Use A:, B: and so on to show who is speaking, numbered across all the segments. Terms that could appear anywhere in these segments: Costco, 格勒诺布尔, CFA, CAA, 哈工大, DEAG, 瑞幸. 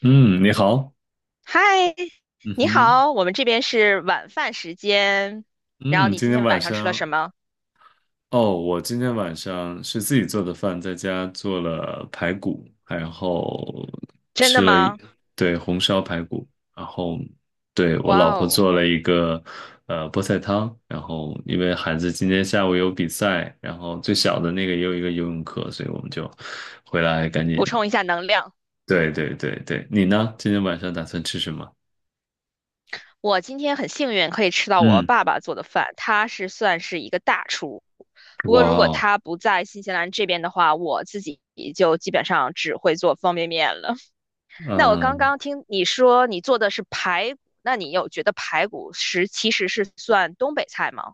A: 嗯，你好。
B: 嗨，
A: 嗯
B: 你
A: 哼。
B: 好，我们这边是晚饭时间。然后
A: 嗯，
B: 你
A: 今
B: 今
A: 天
B: 天
A: 晚
B: 晚上吃了什
A: 上。
B: 么？
A: 哦，我今天晚上是自己做的饭，在家做了排骨，然后
B: 真的
A: 吃了一，
B: 吗？
A: 对，红烧排骨。然后对，我老
B: 哇
A: 婆
B: 哦，
A: 做了一个菠菜汤。然后因为孩子今天下午有比赛，然后最小的那个也有一个游泳课，所以我们就回来赶紧。
B: 补充一下能量。
A: 对对对对，你呢？今天晚上打算吃什么？
B: 我今天很幸运可以吃到我
A: 嗯。
B: 爸爸做的饭，他是算是一个大厨。不
A: 哇
B: 过如果
A: 哦。
B: 他不在新西兰这边的话，我自己就基本上只会做方便面了。那我刚
A: 嗯。
B: 刚听你说你做的是排骨，那你有觉得排骨是其实是算东北菜吗？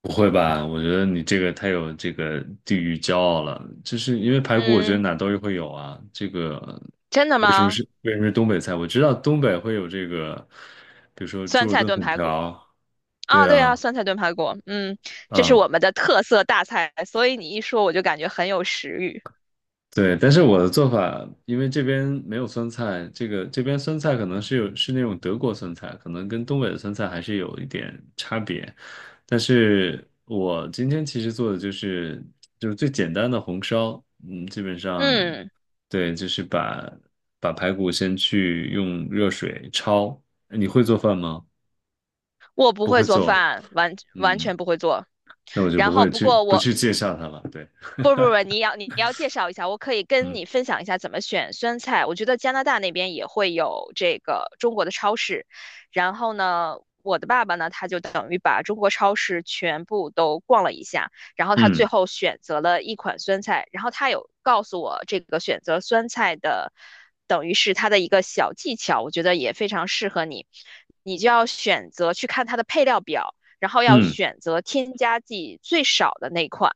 A: 不会吧？我觉得你这个太有这个地域骄傲了，就是因为排骨，我觉得
B: 嗯，
A: 哪都会有啊。这个
B: 真的
A: 为什么
B: 吗？
A: 是为什么是东北菜？我知道东北会有这个，比如说猪
B: 酸
A: 肉
B: 菜
A: 炖
B: 炖
A: 粉
B: 排骨。
A: 条。
B: 啊，
A: 对
B: 对啊，
A: 啊。
B: 酸菜炖排骨，嗯，这是我
A: 啊、
B: 们的特色大菜，所以你一说我就感觉很有食欲。
A: 对。但是我的做法，因为这边没有酸菜，这个这边酸菜可能是有是那种德国酸菜，可能跟东北的酸菜还是有一点差别。但是我今天其实做的就是最简单的红烧，嗯，基本上
B: 嗯，
A: 对，就是把排骨先去用热水焯。你会做饭吗？
B: 我不
A: 不会
B: 会做
A: 做。
B: 饭，完完
A: 嗯，
B: 全不会做。
A: 那我就
B: 然
A: 不
B: 后
A: 会
B: 不
A: 去
B: 过
A: 不
B: 我
A: 去介绍它了。对。
B: 不不不，你要介绍一下，我可以跟你
A: 嗯
B: 分享一下怎么选酸菜。我觉得加拿大那边也会有这个中国的超市，然后呢，我的爸爸呢，他就等于把中国超市全部都逛了一下，然后他最
A: 嗯
B: 后选择了一款酸菜，然后他有告诉我这个选择酸菜的，等于是他的一个小技巧，我觉得也非常适合你。你就要选择去看它的配料表，然后要
A: 嗯。
B: 选择添加剂最少的那款。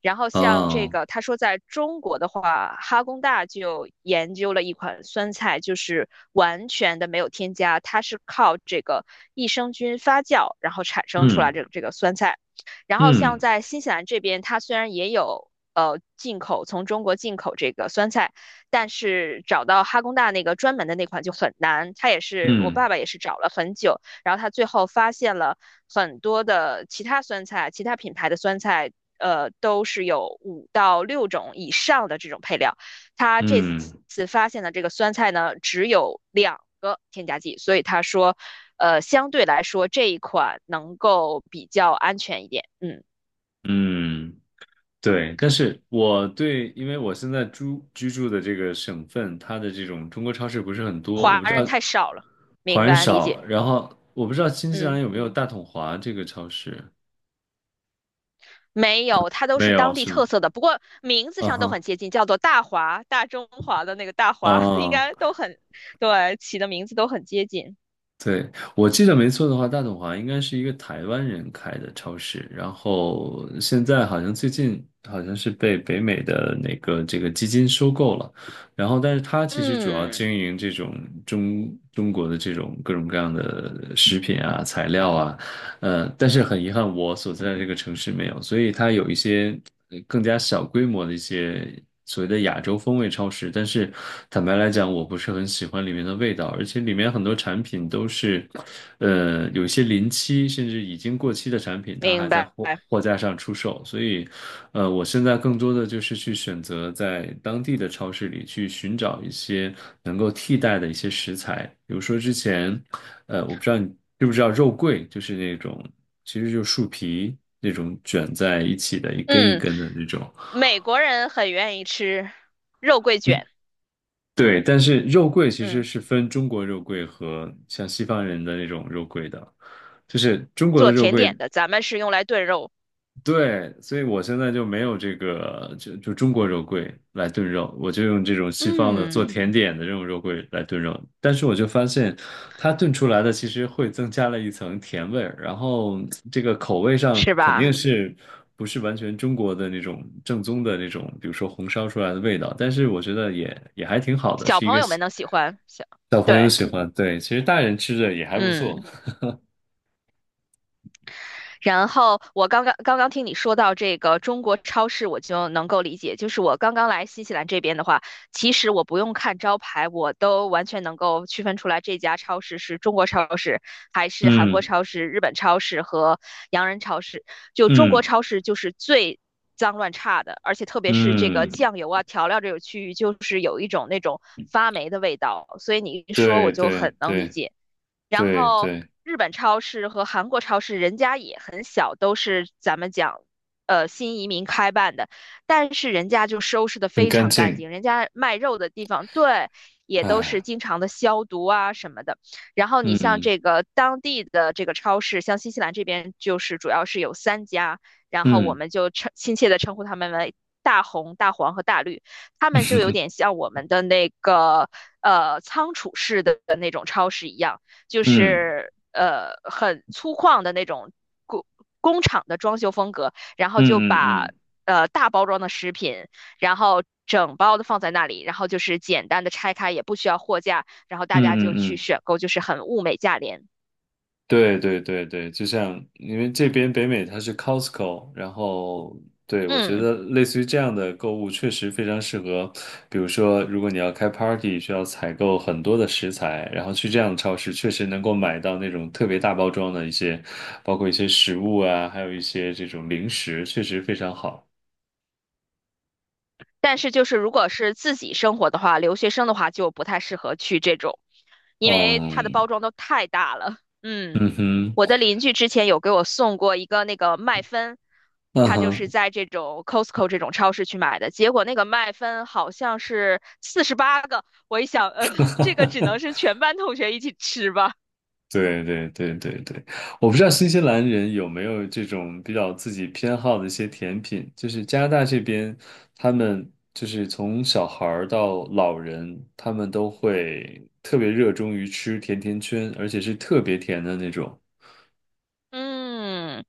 B: 然后像这
A: 哦。
B: 个，他说在中国的话，哈工大就研究了一款酸菜，就是完全的没有添加，它是靠这个益生菌发酵，然后产生出来
A: 嗯
B: 这个酸菜。然后像
A: 嗯。
B: 在新西兰这边，它虽然也有进口从中国进口这个酸菜，但是找到哈工大那个专门的那款就很难。它也是我
A: 嗯
B: 爸爸也是找了很久，然后他最后发现了很多的其他酸菜，其他品牌的酸菜，都是有5到6种以上的这种配料。他这
A: 嗯
B: 次发现的这个酸菜呢，只有2个添加剂，所以他说，相对来说这一款能够比较安全一点。嗯，
A: 嗯，对，但是我对，因为我现在居住的这个省份，它的这种中国超市不是很多，我
B: 华
A: 不知
B: 人
A: 道。
B: 太少了，
A: 华
B: 明
A: 人
B: 白理
A: 少。
B: 解。
A: 然后我不知道新西兰
B: 嗯。
A: 有没有大统华这个超市，
B: 没有，它都
A: 没
B: 是
A: 有
B: 当地
A: 是吗？
B: 特色的，不过名字
A: 嗯
B: 上都
A: 哼。
B: 很接近，叫做大华、大中华的那个大华，应
A: 啊，
B: 该都很，对，起的名字都很接近。
A: 对，我记得没错的话，大统华应该是一个台湾人开的超市，然后现在好像最近好像是被北美的那个这个基金收购了，然后但是他其实主要
B: 嗯，
A: 经营这种中国的这种各种各样的食品啊、材料啊。但是很遗憾，我所在的这个城市没有，所以它有一些更加小规模的一些所谓的亚洲风味超市。但是坦白来讲，我不是很喜欢里面的味道，而且里面很多产品都是，有一些临期甚至已经过期的产品，它还
B: 明
A: 在
B: 白。
A: 货架上出售。所以，我现在更多的就是去选择在当地的超市里去寻找一些能够替代的一些食材，比如说之前。我不知道你知不知道肉桂，就是那种其实就是树皮那种卷在一起的，一根一
B: 嗯，
A: 根的那种。
B: 美国人很愿意吃肉桂卷，
A: 对，但是肉桂其实
B: 嗯，
A: 是分中国肉桂和像西方人的那种肉桂的，就是中国的
B: 做
A: 肉
B: 甜点
A: 桂
B: 的，咱们是用来炖肉，
A: 对，所以我现在就没有这个，就中国肉桂来炖肉，我就用这种西方的做
B: 嗯，
A: 甜点的这种肉桂来炖肉。但是我就发现，它炖出来的其实会增加了一层甜味儿，然后这个口味上
B: 是
A: 肯定
B: 吧？
A: 是不是完全中国的那种正宗的那种，比如说红烧出来的味道。但是我觉得也还挺好的，
B: 小
A: 是一
B: 朋
A: 个
B: 友们能喜欢，小，
A: 小朋友
B: 对，
A: 喜欢，对，其实大人吃着也还不错。
B: 嗯。然后我刚刚听你说到这个中国超市，我就能够理解。就是我刚刚来新西兰这边的话，其实我不用看招牌，我都完全能够区分出来这家超市是中国超市，还是韩国
A: 嗯
B: 超市、日本超市和洋人超市。就中国
A: 嗯
B: 超市就是最脏乱差的，而且特别是这个
A: 嗯。
B: 酱油啊、调料这个区域，就是有一种那种发霉的味道。所以你一说，
A: 对
B: 我就
A: 对
B: 很能理
A: 对
B: 解。然
A: 对
B: 后
A: 对。
B: 日本超市和韩国超市人家也很小，都是咱们讲，新移民开办的，但是人家就收拾的
A: 很
B: 非
A: 干
B: 常干
A: 净。
B: 净，人家卖肉的地方，对，也都
A: 哎。
B: 是经常的消毒啊什么的。然后你像
A: 嗯
B: 这个当地的这个超市，像新西兰这边就是主要是有3家，然后我
A: 嗯
B: 们就称亲切的称呼他们为。大红、大黄和大绿，他们就有点 像我们的那个仓储式的那种超市一样，就
A: 嗯
B: 是很粗犷的那种工工厂的装修风格，然后就
A: 嗯嗯
B: 把
A: 嗯
B: 大包装的食品，然后整包的放在那里，然后就是简单的拆开，也不需要货架，然后
A: 嗯
B: 大家就
A: 嗯
B: 去
A: 嗯，
B: 选购，就是很物美价廉。
A: 对对对对，就像因为这边北美它是 Costco，然后对我觉
B: 嗯，
A: 得类似于这样的购物确实非常适合，比如说如果你要开 party，需要采购很多的食材，然后去这样的超市确实能够买到那种特别大包装的一些，包括一些食物啊，还有一些这种零食，确实非常好。
B: 但是就是如果是自己生活的话，留学生的话就不太适合去这种，因为它的
A: 嗯。
B: 包装都太大了。嗯，
A: 嗯哼。
B: 我的邻居之前有给我送过一个那个麦芬，
A: 嗯
B: 他就是
A: 哼。
B: 在这种 Costco 这种超市去买的，结果那个麦芬好像是48个，我一想，这个只能 是全班同学一起吃吧。
A: 对对对对对，我不知道新西兰人有没有这种比较自己偏好的一些甜品，就是加拿大这边，他们就是从小孩儿到老人，他们都会特别热衷于吃甜甜圈，而且是特别甜的那种。
B: 嗯，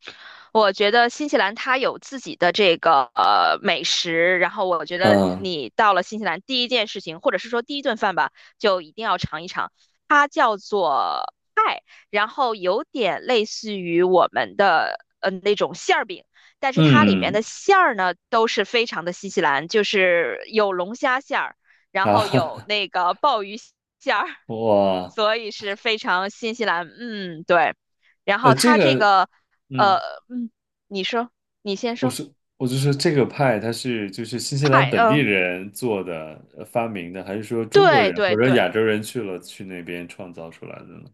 B: 我觉得新西兰它有自己的这个美食，然后我觉得
A: 嗯
B: 你到了新西兰第一件事情，或者是说第一顿饭吧，就一定要尝一尝，它叫做派，然后有点类似于我们的那种馅儿饼，但是它里面
A: 嗯。
B: 的馅儿呢都是非常的新西兰，就是有龙虾馅儿，然后有
A: 啊
B: 那个鲍鱼馅儿，
A: 哇。
B: 所以是非常新西兰，嗯，对。然后
A: 这
B: 它这
A: 个，
B: 个，呃，
A: 嗯。
B: 嗯，你说，你先
A: 我
B: 说，
A: 说，我就说这个派它是就是新西兰
B: 派，
A: 本地
B: 嗯、
A: 人做的发明的，还是说中国
B: 对
A: 人
B: 对
A: 或者亚
B: 对，
A: 洲人去那边创造出来的呢？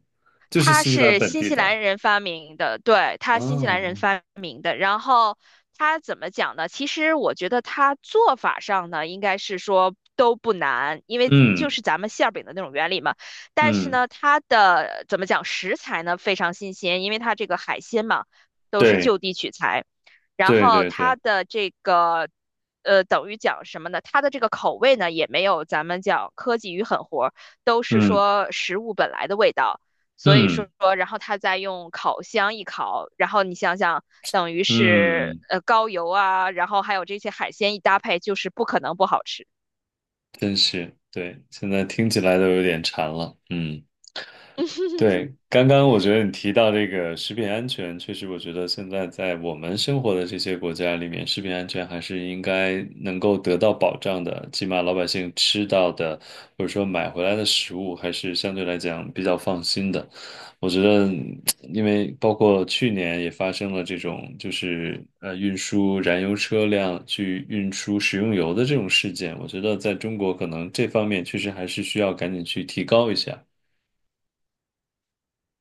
A: 就是
B: 它
A: 新西兰
B: 是
A: 本
B: 新
A: 地
B: 西兰
A: 的。
B: 人发明的，对，它新西兰人
A: 哦。
B: 发明的。然后它怎么讲呢？其实我觉得它做法上呢，应该是说都不难，因为就
A: 嗯
B: 是咱们馅儿饼的那种原理嘛。但是
A: 嗯。
B: 呢，它的怎么讲食材呢非常新鲜，因为它这个海鲜嘛都是
A: 对
B: 就地取材。然
A: 对
B: 后
A: 对
B: 它
A: 对。
B: 的这个等于讲什么呢？它的这个口味呢，也没有咱们讲科技与狠活，都是
A: 嗯
B: 说食物本来的味道。所以
A: 嗯
B: 说，然后它再用烤箱一烤，然后你想想，等于是
A: 嗯，
B: 高油啊，然后还有这些海鲜一搭配，就是不可能不好吃。
A: 真是对，现在听起来都有点馋了。嗯。对，刚刚我觉得你提到这个食品安全，确实，我觉得现在在我们生活的这些国家里面，食品安全还是应该能够得到保障的，起码老百姓吃到的或者说买回来的食物，还是相对来讲比较放心的。我觉得，因为包括去年也发生了这种，就是运输燃油车辆去运输食用油的这种事件，我觉得在中国可能这方面确实还是需要赶紧去提高一下。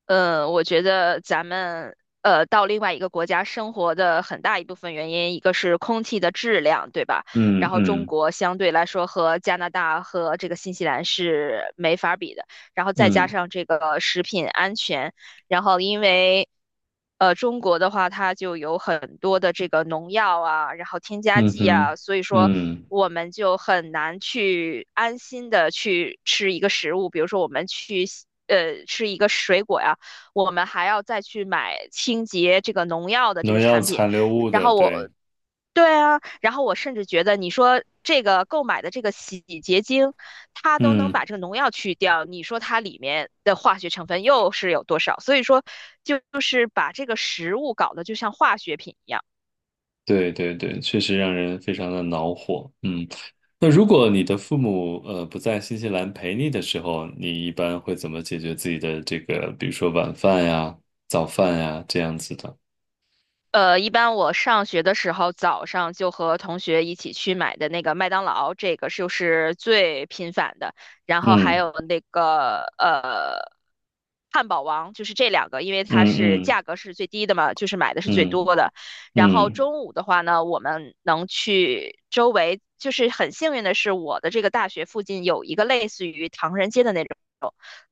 B: 嗯，我觉得咱们到另外一个国家生活的很大一部分原因，一个是空气的质量，对吧？
A: 嗯
B: 然后中
A: 嗯。
B: 国相对来说和加拿大和这个新西兰是没法比的，然后再加
A: 嗯。
B: 上这个食品安全，然后因为中国的话，它就有很多的这个农药啊，然后添加
A: 嗯
B: 剂
A: 哼。
B: 啊，所以说。
A: 嗯，
B: 我们就很难去安心的去吃一个食物，比如说我们去吃一个水果呀。我们还要再去买清洁这个农药的这
A: 农
B: 个
A: 药
B: 产品。
A: 残留物
B: 然
A: 的，
B: 后我，
A: 对。
B: 对啊，然后我甚至觉得你说这个购买的这个洗洁精，它都能
A: 嗯。
B: 把这个农药去掉，你说它里面的化学成分又是有多少？所以说，就是把这个食物搞得就像化学品一样。
A: 对对对，确实让人非常的恼火。嗯，那如果你的父母不在新西兰陪你的时候，你一般会怎么解决自己的这个，比如说晚饭呀、早饭呀这样子的？
B: 一般我上学的时候，早上就和同学一起去买的那个麦当劳，这个就是最频繁的。然后还
A: 嗯
B: 有那个汉堡王，就是这两个，因为它
A: 嗯
B: 是
A: 嗯
B: 价格是最低的嘛，就是买的是最
A: 嗯
B: 多的。然后
A: 嗯
B: 中午的话呢，我们能去周围，就是很幸运的是，我的这个大学附近有一个类似于唐人街的那种。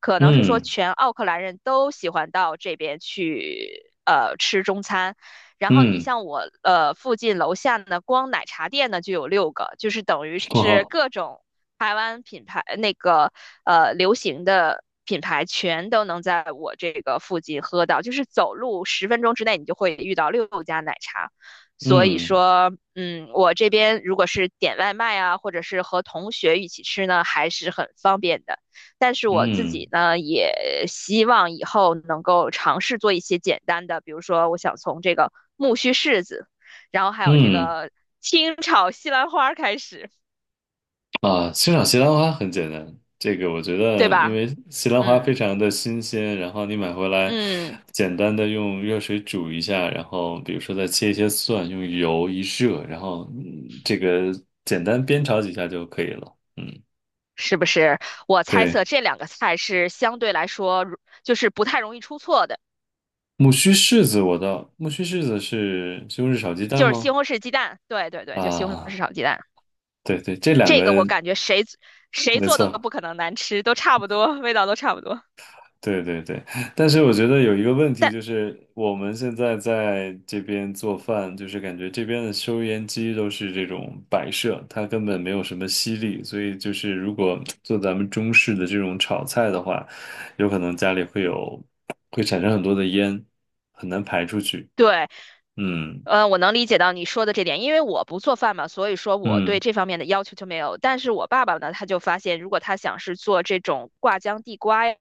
B: 可能是说
A: 嗯
B: 全奥克兰人都喜欢到这边去吃中餐。然后你
A: 嗯。
B: 像我附近楼下呢，光奶茶店呢就有6个，就是等于是
A: 哇。
B: 各种台湾品牌那个流行的品牌全都能在我这个附近喝到，就是走路10分钟之内你就会遇到6家奶茶。所以
A: 嗯
B: 说，嗯，我这边如果是点外卖啊，或者是和同学一起吃呢，还是很方便的。但是我自
A: 嗯
B: 己
A: 嗯。
B: 呢，也希望以后能够尝试做一些简单的，比如说，我想从这个木须柿子，然后还有这
A: 嗯
B: 个清炒西兰花开始，
A: 啊，欣赏西兰花很简单，这个我觉
B: 对
A: 得，因
B: 吧？
A: 为西兰花非
B: 嗯
A: 常的新鲜，然后你买回来，
B: 嗯，
A: 简单的用热水煮一下，然后比如说再切一些蒜，用油一热，然后这个简单煸炒几下就可以了。嗯，
B: 是不是？我猜测
A: 对，
B: 这两个菜是相对来说就是不太容易出错的，
A: 木须柿子我倒，木须柿子是西红柿炒鸡蛋
B: 就是西
A: 吗？
B: 红柿鸡蛋，对对对，就西红柿
A: 啊，
B: 炒鸡蛋，
A: 对对，这两
B: 这个
A: 个
B: 我感觉谁
A: 没
B: 做的都不
A: 错，
B: 可能难吃，都差不多，味道都差不多。
A: 对对对。但是我觉得有一个问题
B: 但
A: 就是，我们现在在这边做饭，就是感觉这边的收烟机都是这种摆设，它根本没有什么吸力，所以就是如果做咱们中式的这种炒菜的话，有可能家里会有，会产生很多的烟，很难排出去。
B: 对，
A: 嗯
B: 我能理解到你说的这点，因为我不做饭嘛，所以说我对
A: 嗯
B: 这方面的要求就没有。但是我爸爸呢，他就发现，如果他想是做这种挂浆地瓜呀，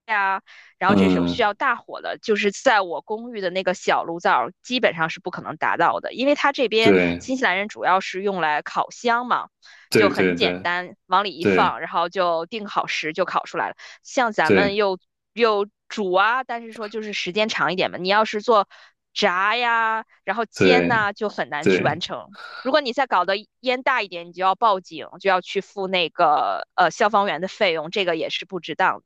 B: 然后这种需
A: 嗯。
B: 要大火的，就是在我公寓的那个小炉灶，基本上是不可能达到的，因为他这边
A: 对
B: 新西兰人主要是用来烤箱嘛，
A: 对
B: 就很
A: 对
B: 简
A: 对
B: 单，往里一
A: 对
B: 放，然后就定好时就烤出来了。像咱们
A: 对
B: 又煮啊，但是说就是时间长一点嘛。你要是做炸呀，然后煎
A: 对。
B: 呐，就很难去完
A: 对
B: 成。如果你再搞得烟大一点，你就要报警，就要去付那个消防员的费用，这个也是不值当的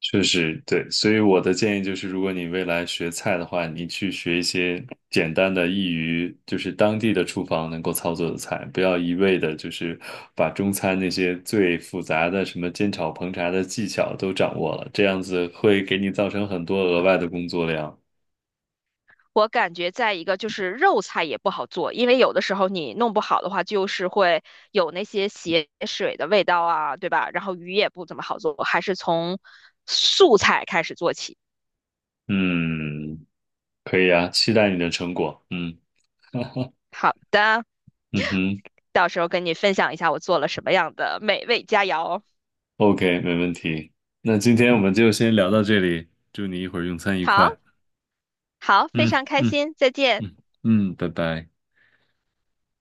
A: 确实对，所以我的建议就是，如果你未来学菜的话，你去学一些简单的、易于就是当地的厨房能够操作的菜，不要一味的就是把中餐那些最复杂的什么煎炒烹炸的技巧都掌握了，这样子会给你造成很多额外的工作量。
B: 我感觉再一个就是肉菜也不好做，因为有的时候你弄不好的话，就是会有那些血水的味道啊，对吧？然后鱼也不怎么好做，还是从素菜开始做起。
A: 嗯，可以啊，期待你的成果。嗯
B: 好的，
A: 嗯哼
B: 到时候跟你分享一下我做了什么样的美味佳肴。
A: ，OK，没问题。那今天我们就先聊到这里，祝你一会儿用餐愉
B: 好，
A: 快。
B: 好，非
A: 嗯
B: 常开
A: 嗯。
B: 心，再见。
A: 嗯嗯，拜拜。